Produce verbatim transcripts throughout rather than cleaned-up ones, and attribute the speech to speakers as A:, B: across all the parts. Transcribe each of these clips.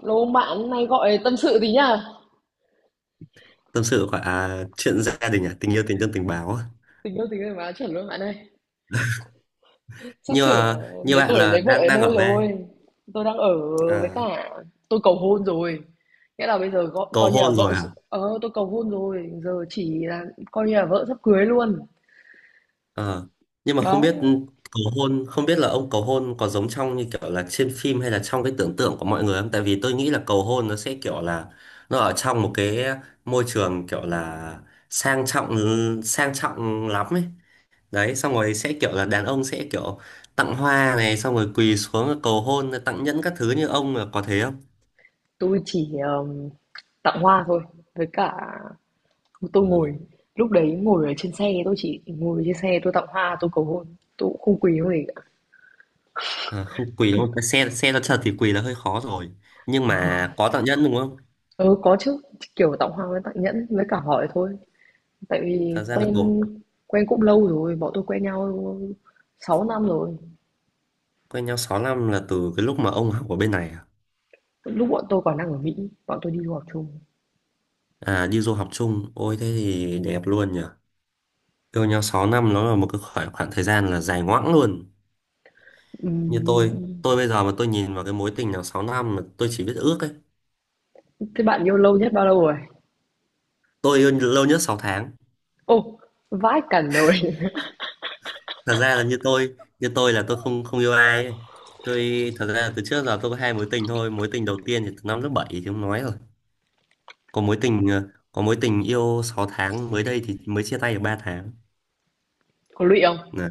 A: Lô bạn này gọi tâm sự tí nhá.
B: Tâm sự khoảng à, chuyện gia đình à, tình yêu tình thân tình báo à.
A: Tình yêu tình yêu mà chuẩn luôn bạn ơi. Sắp
B: Nhưng
A: sửa
B: mà như
A: đến
B: bạn
A: tuổi
B: là
A: lấy vợ
B: đang
A: đến
B: đang
A: nơi
B: ở với ai?
A: rồi. Tôi đang ở với
B: À,
A: cả tôi cầu hôn rồi. Nghĩa là bây giờ coi,
B: cầu
A: coi như là
B: hôn
A: vợ
B: rồi
A: s-
B: hả?
A: ờ tôi cầu hôn rồi, giờ chỉ là coi như là vợ sắp cưới luôn.
B: Ờ. Nhưng mà không
A: Đó,
B: biết cầu hôn, không biết là ông cầu hôn có giống trong như kiểu là trên phim hay là trong cái tưởng tượng của mọi người không, tại vì tôi nghĩ là cầu hôn nó sẽ kiểu là nó ở trong một cái môi trường kiểu là sang trọng, sang trọng lắm ấy, đấy xong rồi sẽ kiểu là đàn ông sẽ kiểu tặng hoa này xong rồi quỳ xuống cầu hôn tặng nhẫn các thứ, như ông là có thế
A: tôi chỉ um, tặng hoa thôi, với cả tôi
B: không?
A: ngồi lúc đấy ngồi ở trên xe, tôi chỉ ngồi trên xe tôi tặng hoa tôi cầu hôn, tôi cũng không quý không gì cả.
B: À, không quỳ đúng không? Cái Xe xe nó trật thì quỳ là hơi khó rồi. Nhưng mà có tạo nhẫn đúng không?
A: Ừ, có chứ, kiểu tặng hoa với tặng nhẫn với cả hỏi thôi. Tại vì
B: Thật ra là
A: quen
B: cậu
A: quen cũng lâu rồi, bọn tôi quen nhau sáu năm rồi.
B: quen nhau sáu năm là từ cái lúc mà ông học ở bên này à?
A: Lúc bọn tôi còn đang ở Mỹ, bọn tôi đi du học chung.
B: À, đi du học chung. Ôi thế thì đẹp luôn nhỉ. Yêu nhau sáu năm nó là một cái khoảng, khoảng thời gian là dài ngoãng luôn. Như tôi,
A: Ừm,
B: tôi bây giờ mà tôi nhìn vào cái mối tình nào sáu năm mà tôi chỉ biết ước ấy.
A: Thế bạn yêu lâu nhất bao lâu rồi?
B: Tôi yêu lâu nhất sáu tháng.
A: Ô, vãi cẩn rồi.
B: Thật ra là như tôi, như tôi là tôi không không yêu ai ấy. Tôi thật ra là từ trước giờ tôi có hai mối tình thôi. Mối tình đầu tiên thì từ năm lớp bảy thì không nói rồi. có mối tình ờ, có mối tình yêu sáu tháng mới đây thì mới chia tay được ba tháng.
A: Có lụy không?
B: Nè,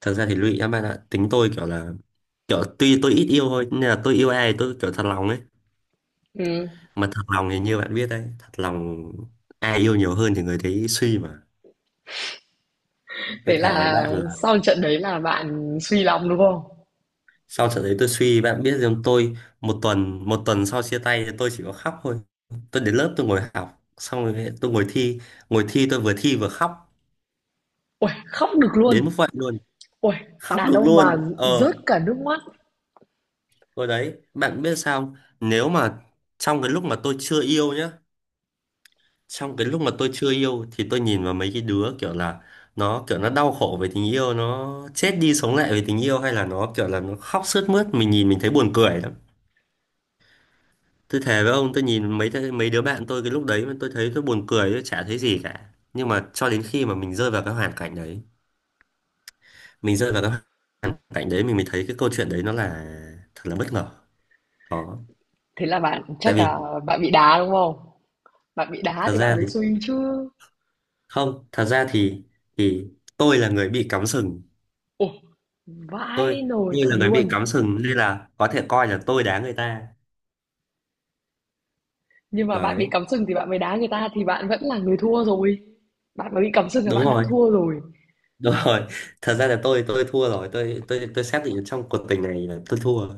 B: thật ra thì lụy các bạn ạ, tính tôi kiểu là kiểu tuy tôi ít yêu thôi nhưng là tôi yêu ai tôi kiểu thật lòng ấy.
A: Ừ.
B: Mà thật lòng thì như bạn biết đấy, thật lòng ai yêu nhiều hơn thì người đấy suy mà. Tôi
A: Thế
B: thề với
A: là
B: bạn là
A: sau trận đấy là bạn suy lòng đúng không?
B: sau trận đấy tôi suy, bạn biết rằng tôi một tuần một tuần sau chia tay thì tôi chỉ có khóc thôi. Tôi đến lớp tôi ngồi học xong rồi tôi ngồi thi, ngồi thi tôi vừa thi vừa khóc.
A: Ôi, khóc được
B: Đến mức
A: luôn.
B: vậy luôn.
A: Ôi,
B: Khóc
A: đàn
B: được
A: ông mà
B: luôn. ờ
A: rớt cả nước mắt.
B: Rồi đấy, bạn biết sao không? Nếu mà trong cái lúc mà tôi chưa yêu nhá, trong cái lúc mà tôi chưa yêu thì tôi nhìn vào mấy cái đứa kiểu là nó kiểu nó đau khổ về tình yêu, nó chết đi sống lại về tình yêu hay là nó kiểu là nó khóc sướt mướt, mình nhìn mình thấy buồn cười lắm. Tôi thề với ông, tôi nhìn mấy mấy đứa bạn tôi cái lúc đấy mà tôi thấy tôi buồn cười, tôi chả thấy gì cả. Nhưng mà cho đến khi mà mình rơi vào cái hoàn cảnh đấy, mình rơi vào cái hoàn cảnh đấy mình mới thấy cái câu chuyện đấy nó là thật là bất ngờ. Đó.
A: Thế là bạn
B: Tại
A: chắc
B: vì
A: là bạn bị đá đúng không? Bạn bị đá
B: thật
A: thì bạn
B: ra
A: mới
B: thì,
A: suy chứ.
B: không, thật ra thì thì tôi là người bị cắm sừng.
A: Ôi,
B: tôi
A: vãi nồi
B: tôi
A: thật
B: là người bị
A: luôn.
B: cắm sừng nên là có thể coi là tôi đá người ta.
A: Nhưng mà bạn bị
B: Đấy,
A: cắm sừng thì bạn mới đá người ta thì bạn vẫn là người thua rồi. Bạn mà bị cắm sừng là
B: đúng
A: bạn đã
B: rồi.
A: thua rồi.
B: Đúng rồi. Thật ra là tôi tôi thua rồi, tôi tôi tôi xác định trong cuộc tình này là tôi thua.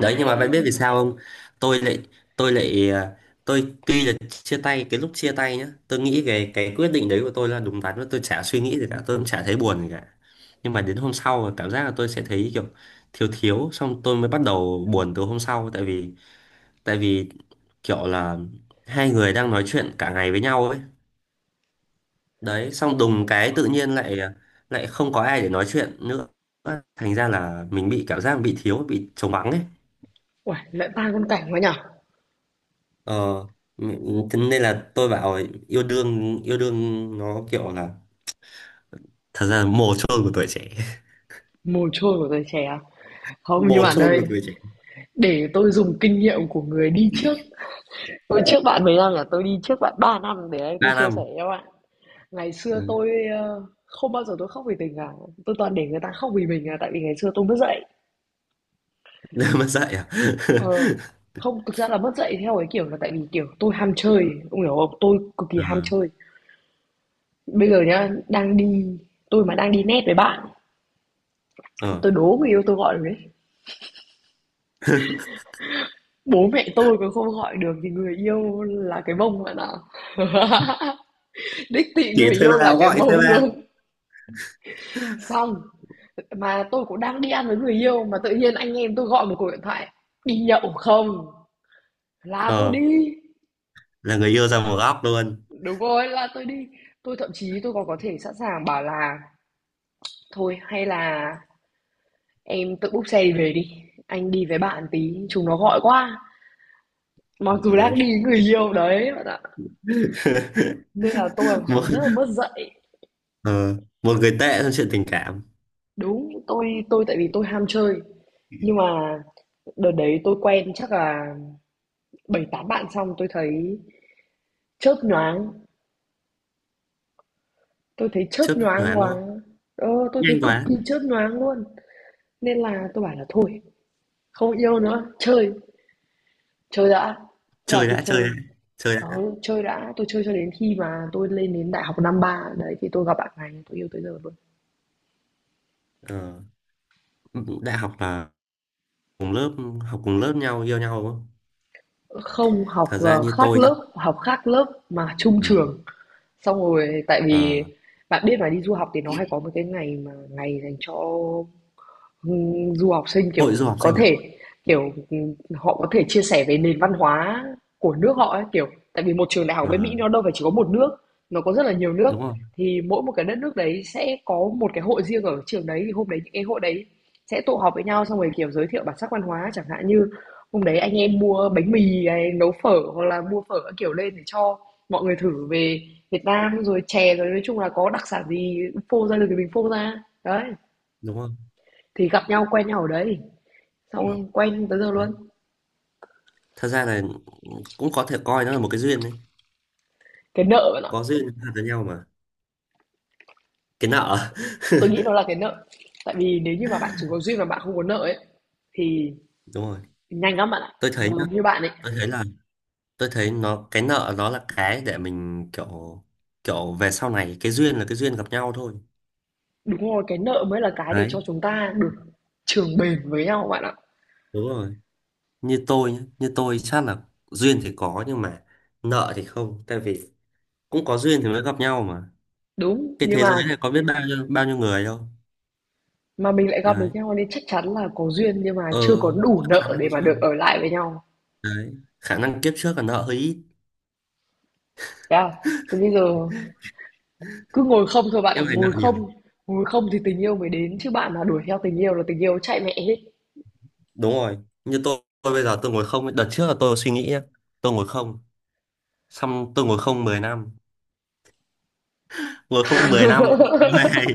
B: Đấy, nhưng mà bạn biết vì sao không? tôi lại tôi lại à, tôi tuy là chia tay, cái lúc chia tay nhá, tôi nghĩ về cái quyết định đấy của tôi là đúng đắn và tôi chả suy nghĩ gì cả, tôi cũng chả thấy buồn gì cả. Nhưng mà đến hôm sau là cảm giác là tôi sẽ thấy kiểu thiếu thiếu, xong tôi mới bắt đầu buồn từ hôm sau tại vì tại vì kiểu là hai người đang nói chuyện cả ngày với nhau ấy, đấy xong đùng cái tự nhiên lại à, lại không có ai để nói chuyện nữa. Thành ra là mình bị cảm giác bị thiếu bị trống vắng ấy.
A: Uầy, lại ba con cảnh quá nhở?
B: ờ m- Thế nên là tôi bảo yêu đương yêu đương nó kiểu là thật ra là mồ chôn của tuổi trẻ.
A: Mồ chôn của tuổi trẻ à? Không, nhưng
B: Mồ
A: mà
B: chôn của
A: đây,
B: tuổi trẻ.
A: để tôi dùng kinh nghiệm của người đi trước. Tôi trước bạn mấy năm, là tôi đi trước bạn ba năm, để đây tôi
B: ba
A: chia sẻ
B: năm
A: cho bạn. Ngày xưa
B: Đấy.
A: tôi ờ, không bao giờ tôi khóc vì tình cả. Tôi toàn để người ta khóc vì mình là tại vì ngày xưa tôi mất dạy.
B: Mà dạy à?
A: Ờ, không, thực ra là mất dạy theo cái kiểu là tại vì kiểu tôi ham chơi. Ông hiểu không? Tôi cực kỳ
B: ờ
A: ham chơi. Bây giờ nhá, đang đi tôi mà đang đi net với bạn,
B: ờ
A: tôi đố người yêu tôi gọi được đấy. Bố mẹ tôi còn không gọi được thì người yêu là cái bông bạn ạ. Đích thị
B: chỉ
A: người
B: thuê
A: yêu là
B: bao
A: cái
B: gọi thuê
A: bông
B: bao.
A: luôn. Xong, mà tôi cũng đang đi ăn với người yêu mà tự nhiên anh em tôi gọi một cuộc điện thoại đi nhậu không, là tôi
B: ờ
A: đi.
B: là người yêu ra một góc luôn.
A: Đúng rồi, là tôi đi, tôi thậm chí tôi còn có thể sẵn sàng bảo là thôi hay là em tự búc xe đi về đi, anh đi với bạn tí chúng nó gọi quá. Mặc
B: Ở
A: dù đang đi
B: đấy.
A: với người yêu đấy bạn ạ. Nên là tôi là một
B: một
A: thằng rất là mất dạy.
B: ờ, một người tệ trong chuyện tình cảm.
A: Đúng, tôi tôi tại vì tôi ham chơi. Nhưng mà đợt đấy tôi quen chắc là bảy tám bạn, xong tôi thấy chớp nhoáng, tôi thấy chớp
B: Chớp
A: nhoáng
B: nhoáng
A: quá.
B: luôn.
A: Ờ, tôi thấy
B: Nhanh
A: cực
B: quá.
A: kỳ chớp nhoáng luôn. Nên là tôi bảo là thôi, không yêu nữa, chơi, chơi đã. Thế là
B: Chơi
A: tôi
B: đã, chơi đã,
A: chơi.
B: chơi đã.
A: Ờ, chơi đã, tôi chơi cho đến khi mà tôi lên đến đại học năm ba đấy thì tôi gặp bạn này tôi yêu tới giờ luôn.
B: ờ, Đại học là cùng lớp, học cùng lớp nhau yêu nhau đúng không?
A: Không, học,
B: Thật ra
A: ờ,
B: như
A: khác
B: tôi nhá.
A: lớp, học khác lớp mà chung trường. Xong rồi tại vì
B: Ờ,
A: bạn biết mà đi du học thì nó hay có một cái ngày mà ngày dành cho Ừm, du học sinh,
B: hội
A: kiểu,
B: du học
A: có
B: sinh à?
A: thể, kiểu, ừm, họ có thể chia sẻ về nền văn hóa của nước họ ấy, kiểu, tại vì một trường đại học
B: Ờ,
A: bên Mỹ nó đâu phải chỉ có một nước, nó có rất là nhiều nước,
B: đúng không?
A: thì mỗi một cái đất nước đấy sẽ có một cái hội riêng ở trường đấy, thì hôm đấy những cái hội đấy sẽ tụ họp với nhau xong rồi, kiểu, giới thiệu bản sắc văn hóa, chẳng hạn như hôm đấy anh em mua bánh mì hay nấu phở hoặc là mua phở các kiểu lên để cho mọi người thử về Việt Nam, rồi chè, rồi nói chung là có đặc sản gì phô ra được thì mình phô ra. Đấy,
B: Đúng không?
A: thì gặp nhau quen nhau ở đấy. Xong quen tới giờ
B: Đấy.
A: luôn.
B: Thật ra là cũng có thể coi nó là một cái duyên đấy.
A: Cái nợ bạn ạ,
B: Có duyên là với nhau mà. Cái nợ.
A: tôi nghĩ nó là cái nợ. Tại vì nếu như mà bạn chỉ có duyên mà bạn không có nợ ấy thì
B: Đúng rồi.
A: nhanh lắm bạn ạ.
B: Tôi thấy nhá,
A: Giống như bạn ấy,
B: tôi thấy là tôi thấy nó cái nợ nó là cái để mình kiểu kiểu về sau này cái duyên là cái duyên gặp nhau thôi.
A: đúng rồi, cái nợ mới là cái để
B: Đấy,
A: cho chúng ta được trường bền với nhau bạn ạ.
B: đúng rồi. Như tôi nhá, như tôi chắc là duyên thì có nhưng mà nợ thì không, tại vì cũng có duyên thì mới gặp nhau mà.
A: Đúng,
B: Cái
A: nhưng
B: thế giới
A: mà
B: này có biết bao nhiêu bao nhiêu người đâu.
A: mà mình lại gặp được
B: Đấy.
A: nhau nên chắc chắn là có duyên nhưng mà
B: Ờ,
A: chưa có đủ
B: chắc chắn
A: nợ
B: là
A: để
B: có
A: mà được
B: duyên.
A: ở lại với nhau.
B: Đấy. Khả năng kiếp trước là nợ hơi ít,
A: Thế à? Thế bây giờ cứ ngồi không thôi bạn ạ,
B: kiếp này nợ
A: ngồi
B: nhiều.
A: không. Ngồi không thì tình yêu mới đến chứ bạn mà đuổi theo tình yêu là tình yêu chạy mẹ hết.
B: Đúng rồi. Như tôi, tôi bây giờ tôi ngồi không, ấy. Đợt trước là tôi suy nghĩ nhá. Tôi ngồi không, xong tôi ngồi không mười năm. Ngồi không mười năm không yêu ai.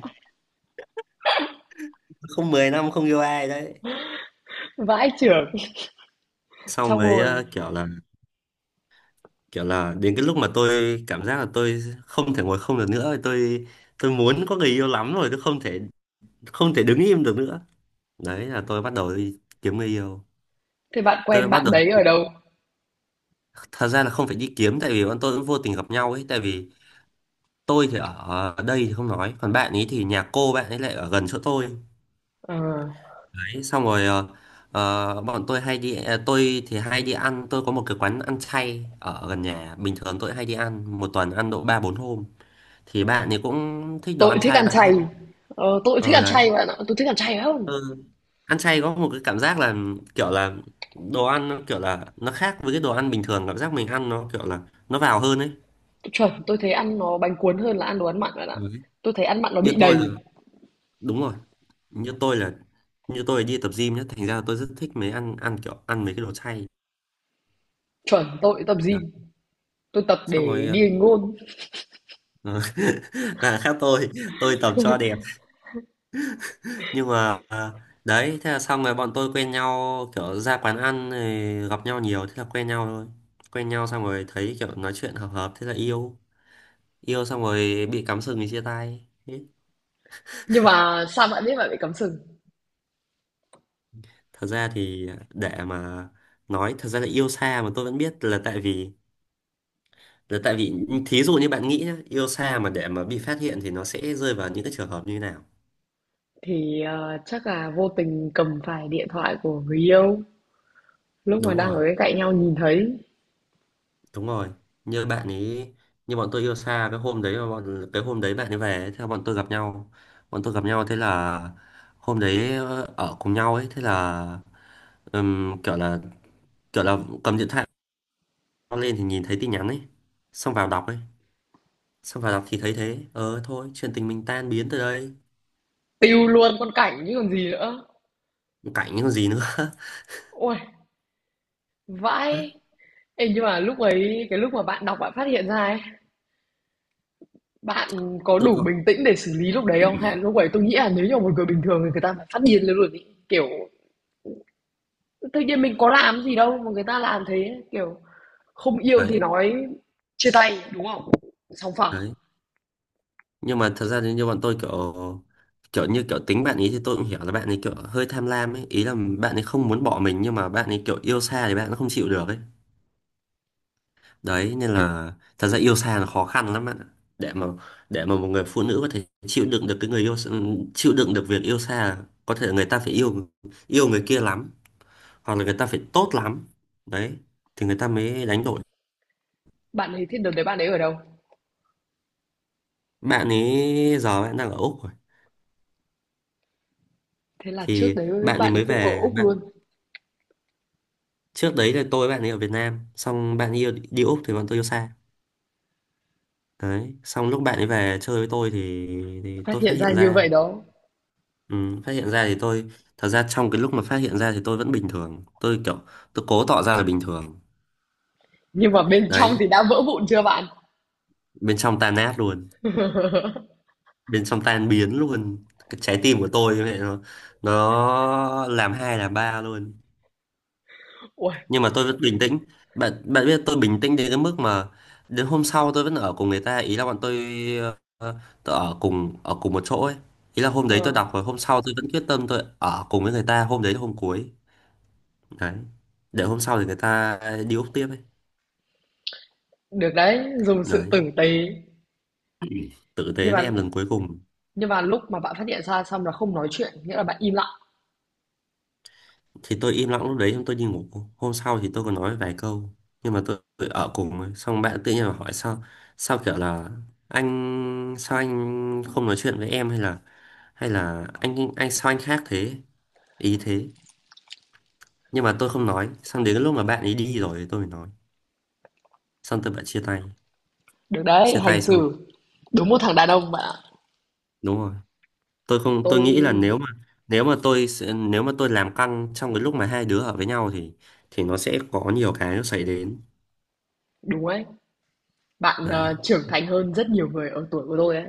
B: Không 10 năm không yêu ai đấy.
A: Vãi chưởng.
B: Xong
A: Xong
B: mới
A: rồi.
B: ờ, kiểu là kiểu là đến cái lúc mà tôi cảm giác là tôi không thể ngồi không được nữa, tôi tôi muốn có người yêu lắm rồi, tôi không thể không thể đứng im được nữa. Đấy là tôi bắt đầu đi kiếm người yêu.
A: Thế bạn quen
B: Tôi bắt
A: bạn
B: đầu
A: đấy ở đâu?
B: Thật ra là không phải đi kiếm tại vì bọn tôi cũng vô tình gặp nhau ấy, tại vì tôi thì ở đây thì không nói, còn bạn ấy thì nhà cô bạn ấy lại ở gần chỗ tôi.
A: Ờ,
B: Đấy xong rồi ờ, ờ, bọn tôi hay đi à, tôi thì hay đi ăn. Tôi có một cái quán ăn chay ở gần nhà, bình thường tôi hay đi ăn một tuần ăn độ ba bốn hôm, thì bạn ấy cũng thích đồ
A: tôi
B: ăn
A: thích
B: chay,
A: ăn
B: bạn
A: chay.
B: hay
A: Ờ, tôi thích
B: ờ
A: ăn
B: đấy.
A: chay bạn ạ, tôi thích ăn chay lắm.
B: Ừ. Ăn chay có một cái cảm giác là kiểu là đồ ăn nó kiểu là nó khác với cái đồ ăn bình thường, cảm giác mình ăn nó kiểu là nó vào hơn ấy.
A: Chuẩn, tôi thấy ăn nó bánh cuốn hơn là ăn đồ ăn mặn bạn ạ.
B: Đấy.
A: Tôi thấy ăn mặn nó
B: Như
A: bị
B: tôi là
A: đầy.
B: Đúng rồi. Như tôi là như tôi là đi tập gym nhá, thành ra là tôi rất thích mấy ăn ăn kiểu ăn mấy cái đồ chay.
A: Chuẩn, tôi tập
B: Đó.
A: gym, tôi tập
B: Xong
A: để
B: rồi
A: đi hình ngôn.
B: ờ, và khác tôi tôi tập cho đẹp nhưng mà ờ, đấy thế là xong rồi bọn tôi quen nhau, kiểu ra quán ăn rồi gặp nhau nhiều thế là quen nhau thôi. Quen nhau xong rồi thấy kiểu nói chuyện hợp hợp thế là yêu. Yêu xong rồi bị cắm sừng thì chia tay. Thế.
A: Nhưng mà sao bạn biết bạn bị cắm sừng?
B: Thật ra thì để mà nói, thật ra là yêu xa mà tôi vẫn biết là tại vì, đấy, tại vì thí dụ như bạn nghĩ nhá, yêu xa mà để mà bị phát hiện thì nó sẽ rơi vào những cái trường hợp như thế nào.
A: Thì ờ, chắc là vô tình cầm phải điện thoại của người yêu. Lúc mà
B: Đúng
A: đang
B: rồi.
A: ở bên cạnh nhau nhìn thấy,
B: Đúng rồi. Như bạn ấy, như bọn tôi yêu xa, cái hôm đấy mà bọn cái hôm đấy bạn ấy về ấy, thế là bọn tôi gặp nhau. Bọn tôi gặp nhau, thế là hôm đấy ờ, ở cùng nhau ấy, thế là ừm, kiểu là kiểu là cầm điện thoại lên thì nhìn thấy tin nhắn ấy, xong vào đọc ấy xong vào đọc thì thấy thế, ờ thôi chuyện tình mình tan biến từ đây.
A: tiêu luôn con cảnh chứ còn gì nữa.
B: Cảnh những gì nữa.
A: Ôi, vãi. Ê, nhưng mà lúc ấy, cái lúc mà bạn đọc bạn phát hiện ra ấy, bạn có
B: Tôi
A: đủ
B: có
A: bình tĩnh để xử lý lúc đấy không? Hay là lúc ấy tôi nghĩ là nếu như một người bình thường thì người ta phải phát điên lên luôn ấy. Kiểu tự nhiên mình có làm gì đâu mà người ta làm thế, kiểu không yêu thì
B: đấy.
A: nói chia tay đúng không? Sòng phẳng.
B: Đấy, nhưng mà thật ra thì như bọn tôi kiểu kiểu như kiểu tính bạn ấy thì tôi cũng hiểu là bạn ấy kiểu hơi tham lam ấy, ý là bạn ấy không muốn bỏ mình nhưng mà bạn ấy kiểu yêu xa thì bạn nó không chịu được ấy. Đấy nên là thật ra yêu xa là khó khăn lắm bạn ạ, để mà để mà một người phụ nữ có thể chịu đựng được cái người yêu, chịu đựng được việc yêu xa là có thể người ta phải yêu yêu người kia lắm, hoặc là người ta phải tốt lắm, đấy thì người ta mới đánh đổi.
A: Bạn ấy thì đợt đấy bạn ấy ở đâu?
B: Bạn ấy giờ bạn đang ở Úc rồi,
A: Thế là trước
B: thì
A: đấy
B: bạn ấy
A: bạn ấy
B: mới
A: cũng ở
B: về.
A: Úc luôn.
B: Trước đấy là tôi với bạn ấy ở Việt Nam, xong bạn ấy yêu đi Úc thì bọn tôi yêu xa. Đấy, xong lúc bạn ấy về chơi với tôi thì thì
A: Phát
B: tôi phát
A: hiện ra
B: hiện
A: như
B: ra.
A: vậy đó.
B: Ừ, phát hiện ra thì tôi thật ra trong Cái lúc mà phát hiện ra thì tôi vẫn bình thường, tôi kiểu tôi cố tỏ ra là bình thường.
A: Nhưng mà bên trong
B: Đấy,
A: thì đã vỡ vụn chưa bạn?
B: bên trong tan nát luôn, bên trong tan biến luôn, cái trái tim của tôi như vậy, nó nó làm hai làm ba luôn.
A: Ui,
B: Nhưng mà tôi vẫn bình tĩnh. Bạn bạn biết tôi bình tĩnh đến cái mức mà đến hôm sau tôi vẫn ở cùng người ta, ý là bọn tôi, ờ, tôi ở cùng ở cùng một chỗ ấy. Ý là hôm đấy tôi
A: ờ,
B: đọc rồi, hôm sau tôi vẫn quyết tâm tôi ở cùng với người ta, hôm đấy là hôm cuối. Đấy, để hôm sau thì người ta đi úp tiếp ấy.
A: được đấy, dùng sự
B: Đấy,
A: tử tế.
B: tử
A: Nhưng
B: tế
A: mà
B: với em lần cuối cùng.
A: nhưng mà lúc mà bạn phát hiện ra xong là không nói chuyện, nghĩa là bạn im lặng.
B: Thì tôi im lặng lúc đấy xong tôi đi ngủ. Hôm sau thì tôi có nói vài câu, nhưng mà tôi, tôi ở cùng ấy. Xong bạn tự nhiên là hỏi sao, sao kiểu là anh sao anh không nói chuyện với em, hay là hay là anh anh sao anh khác thế, ý thế. Nhưng mà tôi không nói, xong đến cái lúc mà bạn ấy đi rồi thì tôi mới nói, xong tôi bạn chia tay.
A: Được đấy,
B: Chia
A: hành
B: tay xong,
A: xử. Đúng một thằng đàn ông bạn ạ.
B: đúng rồi, tôi không, tôi
A: Tôi
B: nghĩ là nếu mà nếu mà tôi sẽ- nếu mà tôi làm căng trong cái lúc mà hai đứa ở với nhau thì thì nó sẽ có nhiều cái nó xảy đến.
A: đúng ấy. Bạn ờ,
B: Đấy.
A: trưởng thành hơn rất nhiều người ở tuổi của tôi ấy.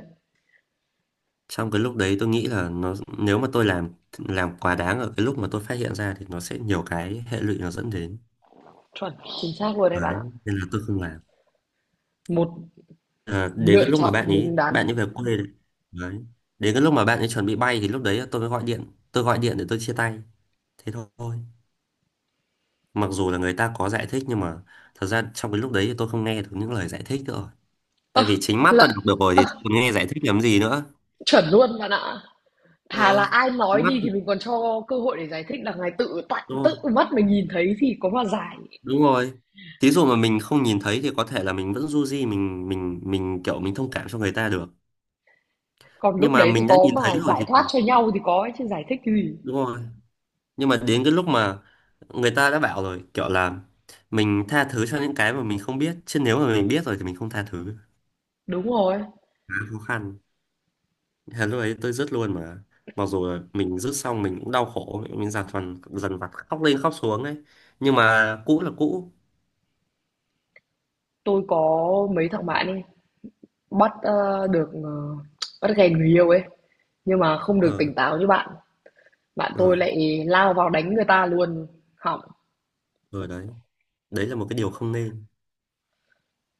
B: Trong cái lúc đấy tôi nghĩ là nó, nếu mà tôi làm làm quá đáng ở cái lúc mà tôi phát hiện ra thì nó sẽ nhiều cái hệ lụy nó dẫn đến.
A: Chuẩn, chính xác luôn đấy bạn
B: Đấy,
A: ạ.
B: nên là tôi không làm.
A: Một
B: À, đến cái
A: lựa
B: lúc mà bạn
A: chọn đúng
B: ấy
A: đắn.
B: bạn ấy về quê đấy. Đấy. Đến cái lúc mà bạn ấy chuẩn bị bay thì lúc đấy tôi mới gọi điện, tôi gọi điện để tôi chia tay. Thế thôi. Mặc dù là người ta có giải thích, nhưng mà thật ra trong cái lúc đấy thì tôi không nghe được những lời giải thích nữa. Rồi,
A: Ơ,
B: tại vì chính mắt tôi
A: lợ-
B: đọc được rồi thì tôi còn nghe giải thích làm gì nữa.
A: chuẩn luôn bạn ạ. Thà là
B: Ờ,
A: ai nói
B: mắt,
A: đi thì mình còn cho cơ hội để giải thích, là ngày tự tại
B: đúng
A: tự
B: rồi.
A: mắt mình nhìn thấy thì có mà giải.
B: Đúng rồi, thí dụ mà mình không nhìn thấy thì có thể là mình vẫn du di, mình mình mình kiểu mình thông cảm cho người ta được.
A: Còn
B: Nhưng
A: lúc
B: mà
A: đấy thì
B: mình đã
A: có
B: nhìn thấy
A: mà
B: rồi
A: giải thoát
B: thì
A: cho nhau thì có ấy, chứ giải thích cái gì.
B: đúng rồi, nhưng mà đến cái lúc mà người ta đã bảo rồi kiểu là mình tha thứ cho những cái mà mình không biết, chứ nếu mà mình biết rồi thì mình không tha thứ,
A: Đúng rồi.
B: khá khó khăn. Thế lúc ấy tôi dứt luôn mà, mặc dù là mình dứt xong mình cũng đau khổ, mình dằn vặt, dằn vặt khóc lên khóc xuống ấy, nhưng mà cũ là cũ.
A: Tôi có mấy thằng bạn ấy bắt ờ, được ờ, bắt ghen người yêu ấy. Nhưng mà không được
B: Ờ.
A: tỉnh táo như bạn, bạn
B: Ờ.
A: tôi lại lao vào đánh người ta luôn, hỏng.
B: Ờ. Đấy, đấy là một cái điều không nên.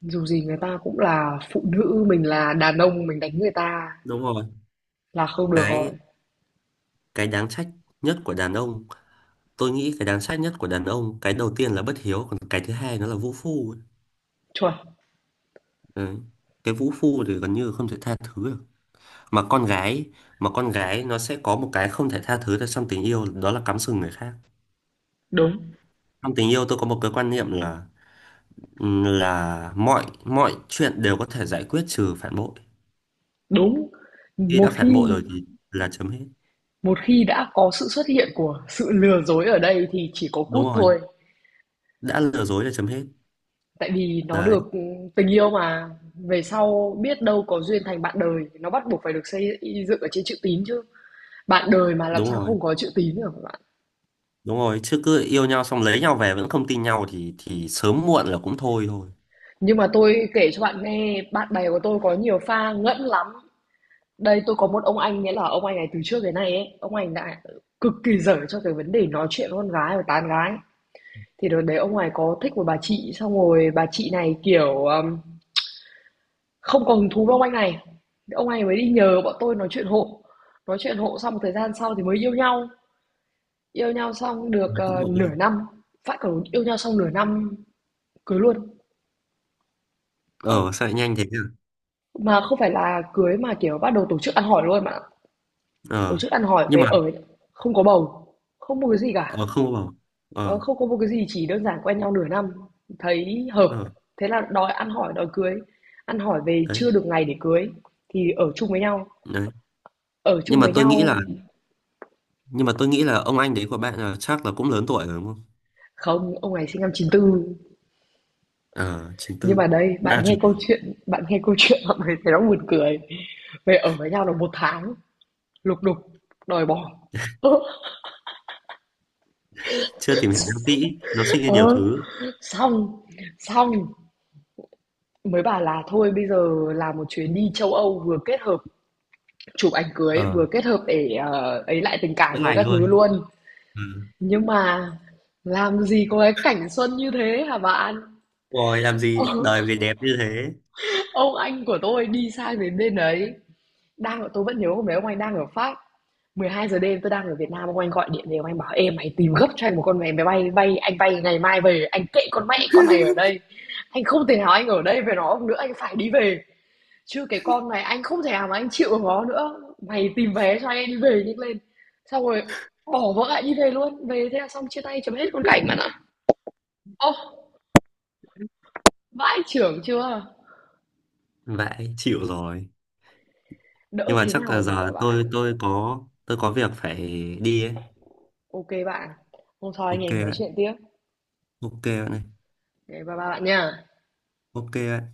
A: Dù gì người ta cũng là phụ nữ, mình là đàn ông mình đánh người ta
B: Đúng rồi,
A: là không được rồi.
B: cái cái đáng trách nhất của đàn ông, tôi nghĩ cái đáng trách nhất của đàn ông, cái đầu tiên là bất hiếu, còn cái thứ hai nó là vũ phu ấy.
A: Chuẩn,
B: Đấy. Cái vũ phu thì gần như không thể tha thứ được, mà con gái, mà con gái nó sẽ có một cái không thể tha thứ được trong tình yêu, đó là cắm sừng người khác.
A: đúng,
B: Trong tình yêu tôi có một cái quan niệm là là mọi mọi chuyện đều có thể giải quyết, trừ phản bội.
A: đúng.
B: Khi
A: Một
B: đã phản bội
A: khi
B: rồi thì là chấm hết.
A: một khi đã có sự xuất hiện của sự lừa dối ở đây thì chỉ có
B: Đúng
A: cút
B: rồi,
A: thôi.
B: đã lừa dối là chấm hết.
A: Tại vì nó
B: Đấy,
A: được tình yêu mà, về sau biết đâu có duyên thành bạn đời, nó bắt buộc phải được xây dựng ở trên chữ tín chứ. Bạn đời mà làm
B: đúng
A: sao
B: rồi.
A: không có chữ tín được hả bạn?
B: Đúng rồi, chứ cứ yêu nhau xong lấy nhau về vẫn không tin nhau thì thì sớm muộn là cũng thôi thôi.
A: Nhưng mà tôi kể cho bạn nghe, bạn bè của tôi có nhiều pha ngẫn lắm. Đây tôi có một ông anh, nghĩa là ông anh này từ trước đến nay ấy, ông anh đã cực kỳ dở cho cái vấn đề nói chuyện với con gái và tán gái. Thì đợt đấy ông này có thích một bà chị xong rồi bà chị này kiểu um, không còn hứng thú với ông anh này. Ông này mới đi nhờ bọn tôi nói chuyện hộ. Nói chuyện hộ xong một thời gian sau thì mới yêu nhau. Yêu nhau xong được
B: Mà cũng
A: ờ,
B: muộn
A: nửa
B: luôn.
A: năm, phải, còn yêu nhau xong nửa năm cưới luôn. Ơ,
B: Ờ sao lại nhanh thế nhỉ?
A: mà không phải là cưới mà kiểu bắt đầu tổ chức ăn hỏi luôn mà. Tổ
B: Ờ.
A: chức ăn hỏi
B: Nhưng
A: về
B: mà
A: ở, không có bầu, không một cái gì cả.
B: ờ không vào.
A: Ờ,
B: Ờ.
A: không có một cái gì, chỉ đơn giản quen nhau nửa năm, thấy hợp,
B: Ờ.
A: thế là đòi ăn hỏi, đòi cưới. Ăn hỏi về
B: Đấy.
A: chưa được ngày để cưới thì ở chung với nhau.
B: Đấy.
A: Ở
B: Nhưng
A: chung
B: mà
A: với
B: tôi nghĩ là
A: nhau.
B: nhưng mà tôi nghĩ là ông anh đấy của bạn là chắc là cũng lớn tuổi rồi đúng không?
A: Không, ông này sinh năm chín tư.
B: Ờ chín
A: Nhưng
B: tư.
A: mà đây, bạn
B: À
A: nghe
B: chục.
A: câu chuyện, bạn nghe câu chuyện mọi người thấy nó buồn cười. Về ở với nhau được một tháng, lục đục, đòi bỏ.
B: Chưa tìm hiểu nhau kỹ, nó sinh ra nhiều
A: Ờ,
B: thứ.
A: xong, xong mới bảo là thôi bây giờ làm một chuyến đi châu Âu vừa kết hợp chụp ảnh cưới
B: Ờ,
A: vừa kết hợp để, ờ, ấy lại tình
B: chữa
A: cảm với
B: lành
A: các thứ
B: luôn.
A: luôn.
B: Ừ.
A: Nhưng mà làm gì có cái cảnh xuân như thế hả bạn?
B: Rồi làm
A: Ờ,
B: gì đời làm gì đẹp như thế.
A: ông anh của tôi đi sang đến bên đấy, đang tôi vẫn nhớ hôm đấy ông anh đang ở Pháp, mười hai giờ đêm tôi đang ở Việt Nam, ông anh gọi điện về ông anh bảo: "Em mày tìm gấp cho anh một con vé máy bay bay, anh bay ngày mai về, anh kệ con mẹ con này ở đây. Anh không thể nào anh ở đây với nó nữa, anh phải đi về." Chứ cái con này anh không thể nào mà anh chịu được nó nữa. Mày tìm vé cho anh anh đi về nhanh lên. Xong rồi bỏ vợ lại đi về luôn. Về thế là xong, chia tay chấm hết con cảnh bạn ạ. Ô, vãi trưởng chưa?
B: Vậy chịu rồi.
A: Đỡ
B: Nhưng mà
A: thế
B: chắc
A: nào
B: là
A: rồi mà các
B: giờ tôi
A: bạn.
B: tôi có tôi có việc phải đi ấy.
A: OK bạn. Hôm sau anh
B: OK
A: em nói
B: bạn.
A: chuyện tiếp.
B: OK bạn này,
A: Ngày bye bye bạn nha.
B: OK bạn.